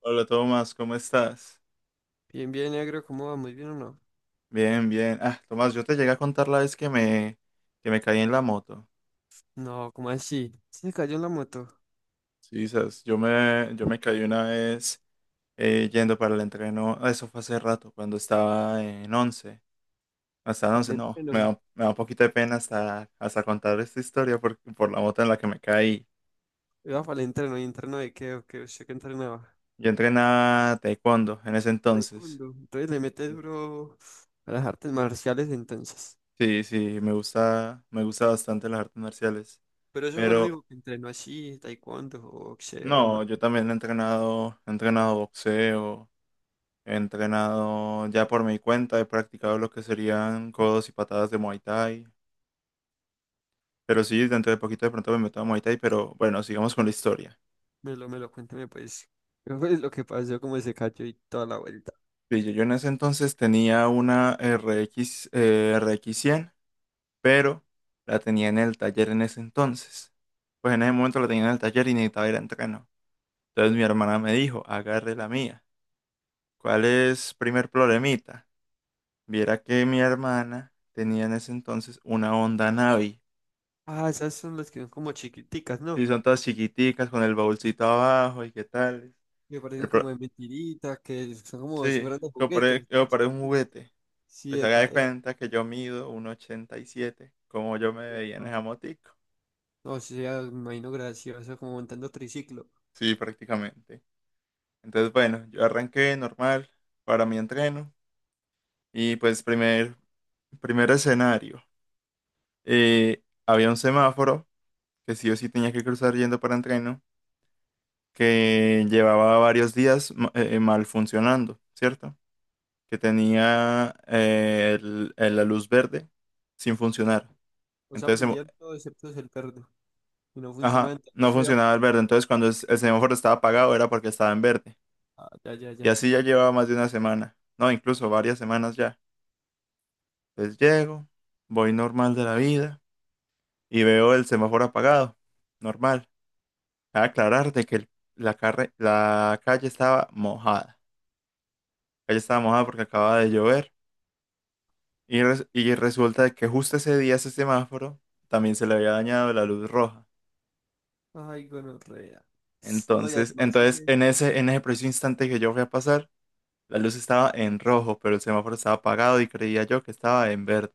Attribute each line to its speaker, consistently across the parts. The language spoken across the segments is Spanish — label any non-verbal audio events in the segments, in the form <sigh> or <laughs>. Speaker 1: Hola Tomás, ¿cómo estás?
Speaker 2: Bien, bien, negro, ¿cómo va? ¿Muy bien o no?
Speaker 1: Bien, bien. Ah, Tomás, yo te llegué a contar la vez que me caí en la moto.
Speaker 2: No, ¿cómo así? Se cayó en la moto.
Speaker 1: Sí, sabes, yo me caí una vez yendo para el entreno. Ah, eso fue hace rato, cuando estaba en 11. Hasta en
Speaker 2: Para
Speaker 1: 11,
Speaker 2: el
Speaker 1: no.
Speaker 2: entreno.
Speaker 1: Me da un poquito de pena hasta contar esta historia por la moto en la que me caí.
Speaker 2: Iba para el entreno y entreno de qué, o qué, usted qué entrenaba.
Speaker 1: Yo entrenaba taekwondo en ese entonces.
Speaker 2: Taekwondo. Entonces le mete duro a las artes marciales entonces.
Speaker 1: Sí, sí, me gusta bastante las artes marciales.
Speaker 2: Pero eso fue lo
Speaker 1: Pero
Speaker 2: único que entrenó así, taekwondo, boxeo, o
Speaker 1: no, yo también he entrenado boxeo, he entrenado ya por mi cuenta, he practicado lo que serían codos y patadas de Muay Thai. Pero sí, dentro de poquito de pronto me meto a Muay Thai, pero bueno, sigamos con la historia.
Speaker 2: me lo cuéntame pues. ¿Qué fue lo que pasó, cómo se cayó y toda la vuelta?
Speaker 1: Sí, yo en ese entonces tenía una RX, RX100, pero la tenía en el taller en ese entonces. Pues en ese momento la tenía en el taller y necesitaba ir a entreno. Entonces mi hermana me dijo, agarre la mía. ¿Cuál es primer problemita? Viera que mi hermana tenía en ese entonces una Honda Navi.
Speaker 2: Ah, esas son las que son como chiquiticas, ¿no?
Speaker 1: Sí, son todas chiquiticas con el baúlcito abajo y qué tal.
Speaker 2: Que parecen
Speaker 1: El
Speaker 2: como
Speaker 1: pro-
Speaker 2: de mentiritas, que son como si
Speaker 1: Sí,
Speaker 2: fueran de juguetes, más
Speaker 1: yo paré un
Speaker 2: chiquititas.
Speaker 1: juguete.
Speaker 2: Sí,
Speaker 1: Pues haga
Speaker 2: epa,
Speaker 1: de cuenta que yo mido 1,87. Como yo me veía en
Speaker 2: epa.
Speaker 1: esa motico.
Speaker 2: O sea, me imagino gracioso, como montando triciclo.
Speaker 1: Sí, prácticamente. Entonces, bueno, yo arranqué normal para mi entreno. Y pues primer escenario. Había un semáforo que sí o sí tenía que cruzar yendo para entreno. Que llevaba varios días mal funcionando, ¿cierto? Que tenía la luz verde sin funcionar.
Speaker 2: O sea,
Speaker 1: Entonces, em-
Speaker 2: aprendían todo excepto el perro. Y no funcionaba,
Speaker 1: ajá, no
Speaker 2: entonces había...
Speaker 1: funcionaba el verde. Entonces, cuando el semáforo estaba apagado era porque estaba en verde.
Speaker 2: Ah, ya, ya,
Speaker 1: Y
Speaker 2: ya.
Speaker 1: así ya llevaba más de una semana, no, incluso varias semanas ya. Entonces llego, voy normal de la vida y veo el semáforo apagado, normal. A aclarar de que la calle estaba mojada. La calle estaba mojada porque acababa de llover. Y y resulta que justo ese día ese semáforo también se le había dañado la luz roja.
Speaker 2: Ay, gonorrea. No, y
Speaker 1: Entonces,
Speaker 2: además ese...
Speaker 1: en ese preciso instante que yo fui a pasar, la luz estaba en rojo, pero el semáforo estaba apagado y creía yo que estaba en verde.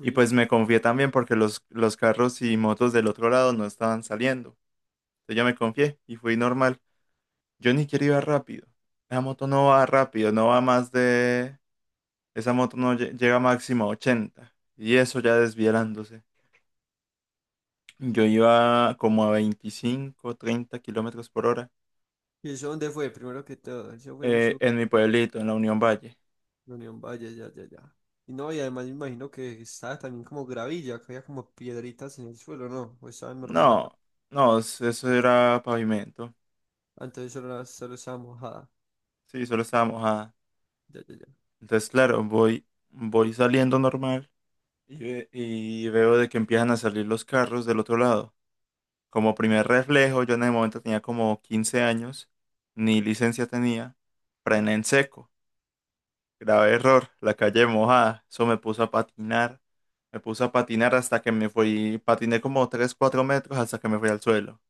Speaker 1: Y pues me confié también porque los carros y motos del otro lado no estaban saliendo. Entonces yo me confié y fui normal. Yo ni quiero ir rápido. Esa moto no va rápido, no va más de... Esa moto no llega máximo a 80. Y eso ya desviándose. Yo iba como a 25 a 30 km/h.
Speaker 2: ¿Y eso dónde fue? Primero que todo, eso fue en
Speaker 1: Eh,
Speaker 2: su
Speaker 1: en mi pueblito, en la Unión Valle.
Speaker 2: Unión Valle, ya, ya, ya. Y no, y además me imagino que estaba también como gravilla, que había como piedritas en el suelo, ¿no? O estaba normal acá.
Speaker 1: No, no, eso era pavimento.
Speaker 2: Ah, entonces solo, solo estaba mojada.
Speaker 1: Sí, solo estaba mojada.
Speaker 2: Ya, ya, ya.
Speaker 1: Entonces, claro, voy saliendo normal y, y veo de que empiezan a salir los carros del otro lado. Como primer reflejo, yo en el momento tenía como 15 años, ni licencia tenía, frené en seco. Grave error, la calle mojada. Eso me puso a patinar. Me puse a patinar hasta que me fui, patiné como 3, 4 metros hasta que me fui al suelo.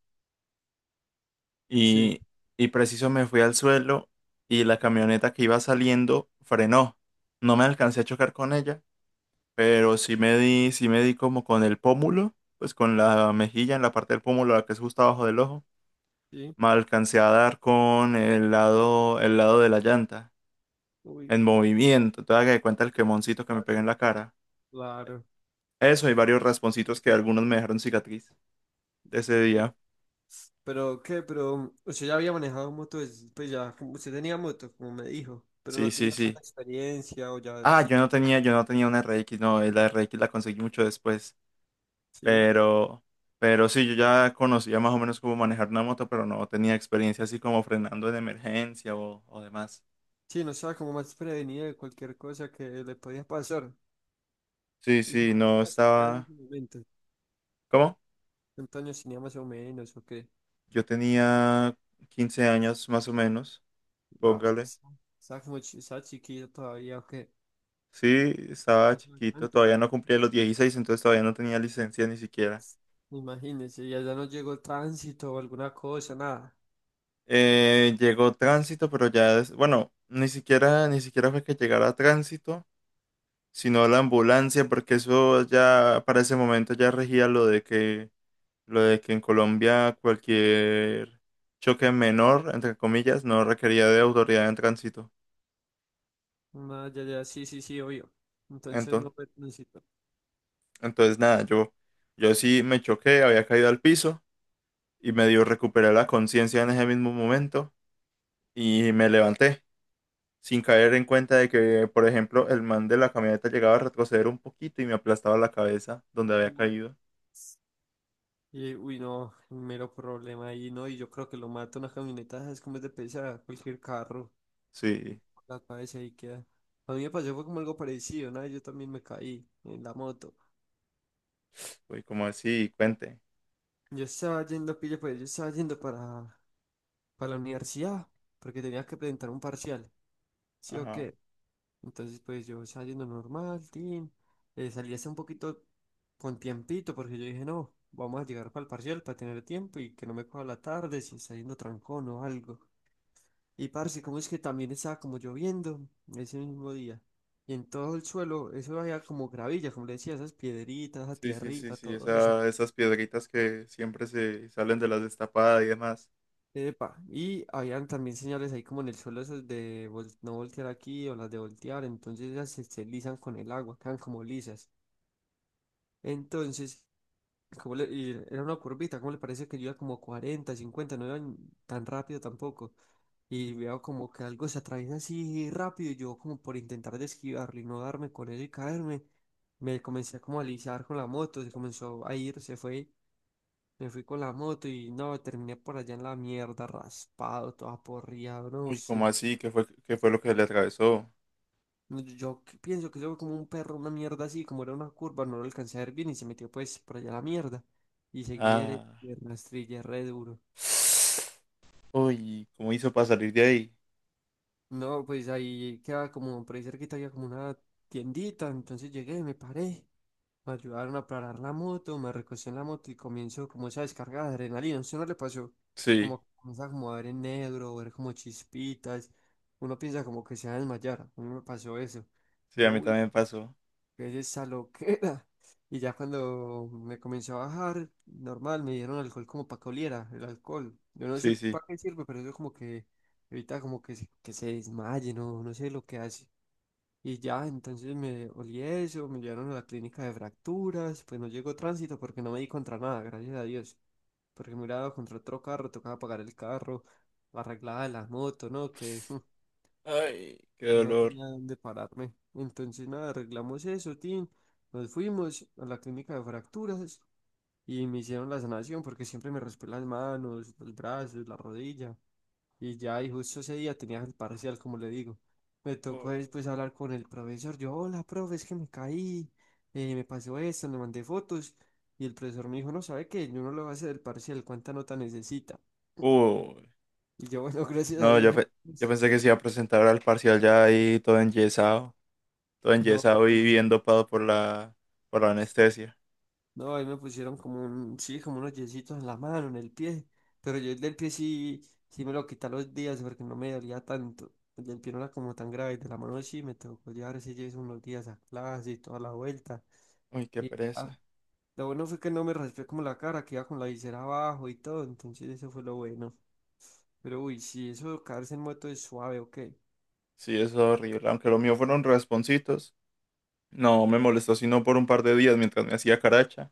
Speaker 2: Sí,
Speaker 1: Y, y preciso me fui al suelo y la camioneta que iba saliendo frenó. No me alcancé a chocar con ella, pero sí me di como con el pómulo, pues con la mejilla en la parte del pómulo, la que es justo abajo del ojo.
Speaker 2: sí.
Speaker 1: Me alcancé a dar con el lado de la llanta,
Speaker 2: Uy,
Speaker 1: en movimiento. Te das cuenta el
Speaker 2: qué
Speaker 1: quemoncito que me pegué
Speaker 2: paso,
Speaker 1: en la cara.
Speaker 2: claro.
Speaker 1: Eso, hay varios rasponcitos que algunos me dejaron cicatriz de ese día.
Speaker 2: Pero, ¿qué? Pero o sea ya había manejado moto, pues ya, usted tenía moto, como me dijo, pero
Speaker 1: Sí,
Speaker 2: no
Speaker 1: sí,
Speaker 2: tenía tanta
Speaker 1: sí.
Speaker 2: experiencia o ya,
Speaker 1: Ah,
Speaker 2: sí,
Speaker 1: yo no tenía una RX, no, la RX la conseguí mucho después.
Speaker 2: sí,
Speaker 1: Pero, pero sí, yo ya conocía más o menos cómo manejar una moto, pero no tenía experiencia así como frenando en emergencia o demás.
Speaker 2: sí, no estaba como más prevenida de cualquier cosa que le podía pasar.
Speaker 1: Sí,
Speaker 2: ¿Y
Speaker 1: sí,
Speaker 2: cuántos
Speaker 1: no
Speaker 2: años tenía en
Speaker 1: estaba.
Speaker 2: ese momento?
Speaker 1: ¿Cómo?
Speaker 2: ¿Cuántos años tenía más o menos o qué?
Speaker 1: Yo tenía 15 años más o menos,
Speaker 2: No, no
Speaker 1: póngale.
Speaker 2: sé. Estaba como estaba chiquilla todavía o qué,
Speaker 1: Sí, estaba
Speaker 2: hace
Speaker 1: chiquito,
Speaker 2: bastante.
Speaker 1: todavía no cumplía los 16, entonces todavía no tenía licencia ni siquiera.
Speaker 2: Imagínese, ya, ya no llegó el tránsito o alguna cosa, nada.
Speaker 1: Llegó tránsito, pero ya es, bueno, ni siquiera, ni siquiera fue que llegara tránsito, sino la ambulancia, porque eso ya para ese momento ya regía lo de que en Colombia cualquier choque menor, entre comillas, no requería de autoridad en tránsito.
Speaker 2: Nada, ya, ya, sí, sí, sí, obvio. Entonces no
Speaker 1: Entonces,
Speaker 2: fue tránsito.
Speaker 1: entonces nada, yo sí me choqué, había caído al piso y medio recuperé la conciencia en ese mismo momento y me levanté. Sin caer en cuenta de que, por ejemplo, el man de la camioneta llegaba a retroceder un poquito y me aplastaba la cabeza donde había
Speaker 2: Uy.
Speaker 1: caído.
Speaker 2: Y, uy, no, mero problema ahí, ¿no? Y yo creo que lo mata una camioneta, es como es de pesar, cualquier carro,
Speaker 1: Sí,
Speaker 2: la cabeza ahí queda. A mí me pasó fue como algo parecido, ¿no? Yo también me caí en la moto.
Speaker 1: fue como así, cuente.
Speaker 2: Yo estaba yendo, pilla, pues yo estaba yendo para la universidad, porque tenía que presentar un parcial, ¿sí o
Speaker 1: Ajá.
Speaker 2: qué? Entonces, pues yo estaba yendo normal, tin, salí hace un poquito con tiempito, porque yo dije, no, vamos a llegar para el parcial para tener tiempo y que no me coja la tarde si está yendo trancón o algo. Y parce, como es que también estaba como lloviendo ese mismo día. Y en todo el suelo, eso había como gravilla, como le decía, esas piedritas, esa
Speaker 1: Sí, sí, sí,
Speaker 2: tierrita,
Speaker 1: sí,
Speaker 2: todo eso.
Speaker 1: esas piedritas que siempre se salen de las destapadas y demás.
Speaker 2: Epa, y habían también señales ahí como en el suelo esas de no voltear aquí o las de voltear, entonces ellas se, se lisan con el agua, quedan como lisas. Entonces ¿cómo y era una curvita, ¿cómo le parece que yo iba como 40 cincuenta? No iba ni tan rápido tampoco. Y veo como que algo se atraviesa así rápido y yo como por intentar de esquivarlo y no darme con él y caerme, me comencé a como a alisar con la moto, se comenzó a ir, se fue, me fui con la moto y no, terminé por allá en la mierda, raspado, todo aporreado, no
Speaker 1: Uy, ¿cómo
Speaker 2: sé.
Speaker 1: así? ¿Qué fue lo que le atravesó?
Speaker 2: No, yo que pienso que eso fue como un perro, una mierda así, como era una curva, no lo alcancé a ver bien y se metió pues por allá a la mierda. Y seguí derecho,
Speaker 1: Ah.
Speaker 2: piernas, trillé re duro.
Speaker 1: <sighs> Uy, ¿cómo hizo para salir de ahí?
Speaker 2: No, pues ahí queda como, por ahí cerquita había como una tiendita, entonces llegué, me paré, me ayudaron a parar la moto, me recosté en la moto y comienzo como esa descarga de adrenalina, ¿usted no le pasó?
Speaker 1: Sí,
Speaker 2: Como comienza como a ver en negro, ver como chispitas, uno piensa como que se va a desmayar, a mí me pasó eso.
Speaker 1: sí, a
Speaker 2: Yo,
Speaker 1: mí
Speaker 2: uy,
Speaker 1: también pasó.
Speaker 2: es esa loquera. <laughs> Y ya cuando me comenzó a bajar, normal, me dieron alcohol como para que oliera, el alcohol. Yo no sé
Speaker 1: Sí, sí.
Speaker 2: para qué sirve, pero eso como que evita como que, que se desmaye, no, no sé lo que hace. Y ya, entonces me olí eso, me llevaron a la clínica de fracturas, pues no llegó tránsito porque no me di contra nada, gracias a Dios. Porque me hubiera dado contra otro carro, tocaba pagar el carro, arreglaba la moto, ¿no? Que <laughs>
Speaker 1: Ay, qué
Speaker 2: no
Speaker 1: dolor.
Speaker 2: tenía dónde pararme. Entonces, nada, arreglamos eso, tin. Nos fuimos a la clínica de fracturas y me hicieron la sanación porque siempre me raspé las manos, los brazos, la rodilla. Y ya, y justo ese día tenía el parcial, como le digo. Me tocó
Speaker 1: Uy.
Speaker 2: después hablar con el profesor. Yo, hola, profe, es que me caí, me pasó esto, le mandé fotos. Y el profesor me dijo, no, ¿sabe qué? Yo no lo voy a hacer el parcial, ¿cuánta nota necesita?
Speaker 1: Uy.
Speaker 2: Y yo, bueno, <laughs> gracias a
Speaker 1: No,
Speaker 2: Dios.
Speaker 1: yo, pe- yo
Speaker 2: <laughs>
Speaker 1: pensé que se iba a presentar al parcial ya ahí todo
Speaker 2: No, no,
Speaker 1: enyesado y
Speaker 2: no.
Speaker 1: bien dopado por la anestesia.
Speaker 2: No, ahí me pusieron como un, sí, como unos yesitos en la mano, en el pie. Pero yo el del pie sí, sí me lo quité a los días porque no me dolía tanto. El del pie no era como tan grave. De la mano sí me tocó llevar ese yeso unos días a clase y toda la vuelta.
Speaker 1: Uy, qué
Speaker 2: Y
Speaker 1: pereza.
Speaker 2: lo bueno fue que no me raspé como la cara, que iba con la visera abajo y todo. Entonces eso fue lo bueno. Pero uy, sí, eso de caerse en moto es suave, ¿o qué?
Speaker 1: Sí, eso es horrible. Aunque lo mío fueron rasponcitos, no me molestó sino por un par de días mientras me hacía caracha.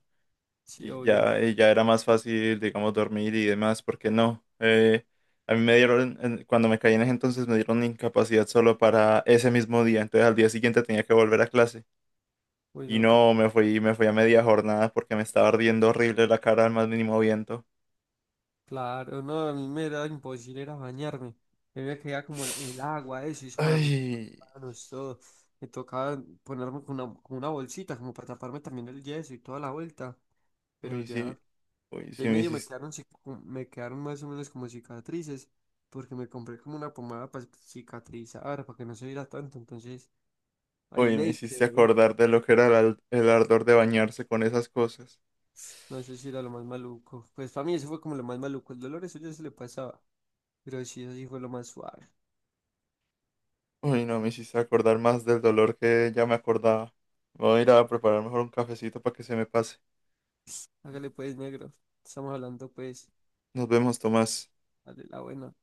Speaker 2: Sí, obvio.
Speaker 1: Y ya era más fácil, digamos, dormir y demás, porque no. A mí me dieron, en- cuando me caí en ese entonces me dieron incapacidad solo para ese mismo día. Entonces al día siguiente tenía que volver a clase.
Speaker 2: Uy,
Speaker 1: Y
Speaker 2: no, que
Speaker 1: no, me fui a media jornada porque me estaba ardiendo horrible la cara al más mínimo viento.
Speaker 2: claro, no, a mí me era imposible era bañarme. A mí me caía como el agua, eso, y eso me...
Speaker 1: Ay,
Speaker 2: Ah, no, esto me tocaba ponerme con una bolsita como para taparme también el yeso y toda la vuelta, pero
Speaker 1: uy,
Speaker 2: ya,
Speaker 1: sí, uy,
Speaker 2: y
Speaker 1: sí
Speaker 2: ahí
Speaker 1: me
Speaker 2: medio me
Speaker 1: hiciste,
Speaker 2: quedaron, me quedaron más o menos como cicatrices, porque me compré como una pomada para cicatrizar, para que no se viera tanto, entonces ahí
Speaker 1: uy, me
Speaker 2: medio se
Speaker 1: hiciste
Speaker 2: ven,
Speaker 1: acordar de lo que era el ardor de bañarse con esas cosas.
Speaker 2: no sé si era lo más maluco, pues para mí eso fue como lo más maluco, el dolor eso ya se le pasaba, pero sí, eso sí fue lo más suave,
Speaker 1: Uy, no, me hiciste acordar más del dolor que ya me acordaba. Voy a ir a preparar mejor un cafecito para que se me pase.
Speaker 2: hágale pues negro, estamos hablando pues,
Speaker 1: Nos vemos, Tomás.
Speaker 2: dale la buena.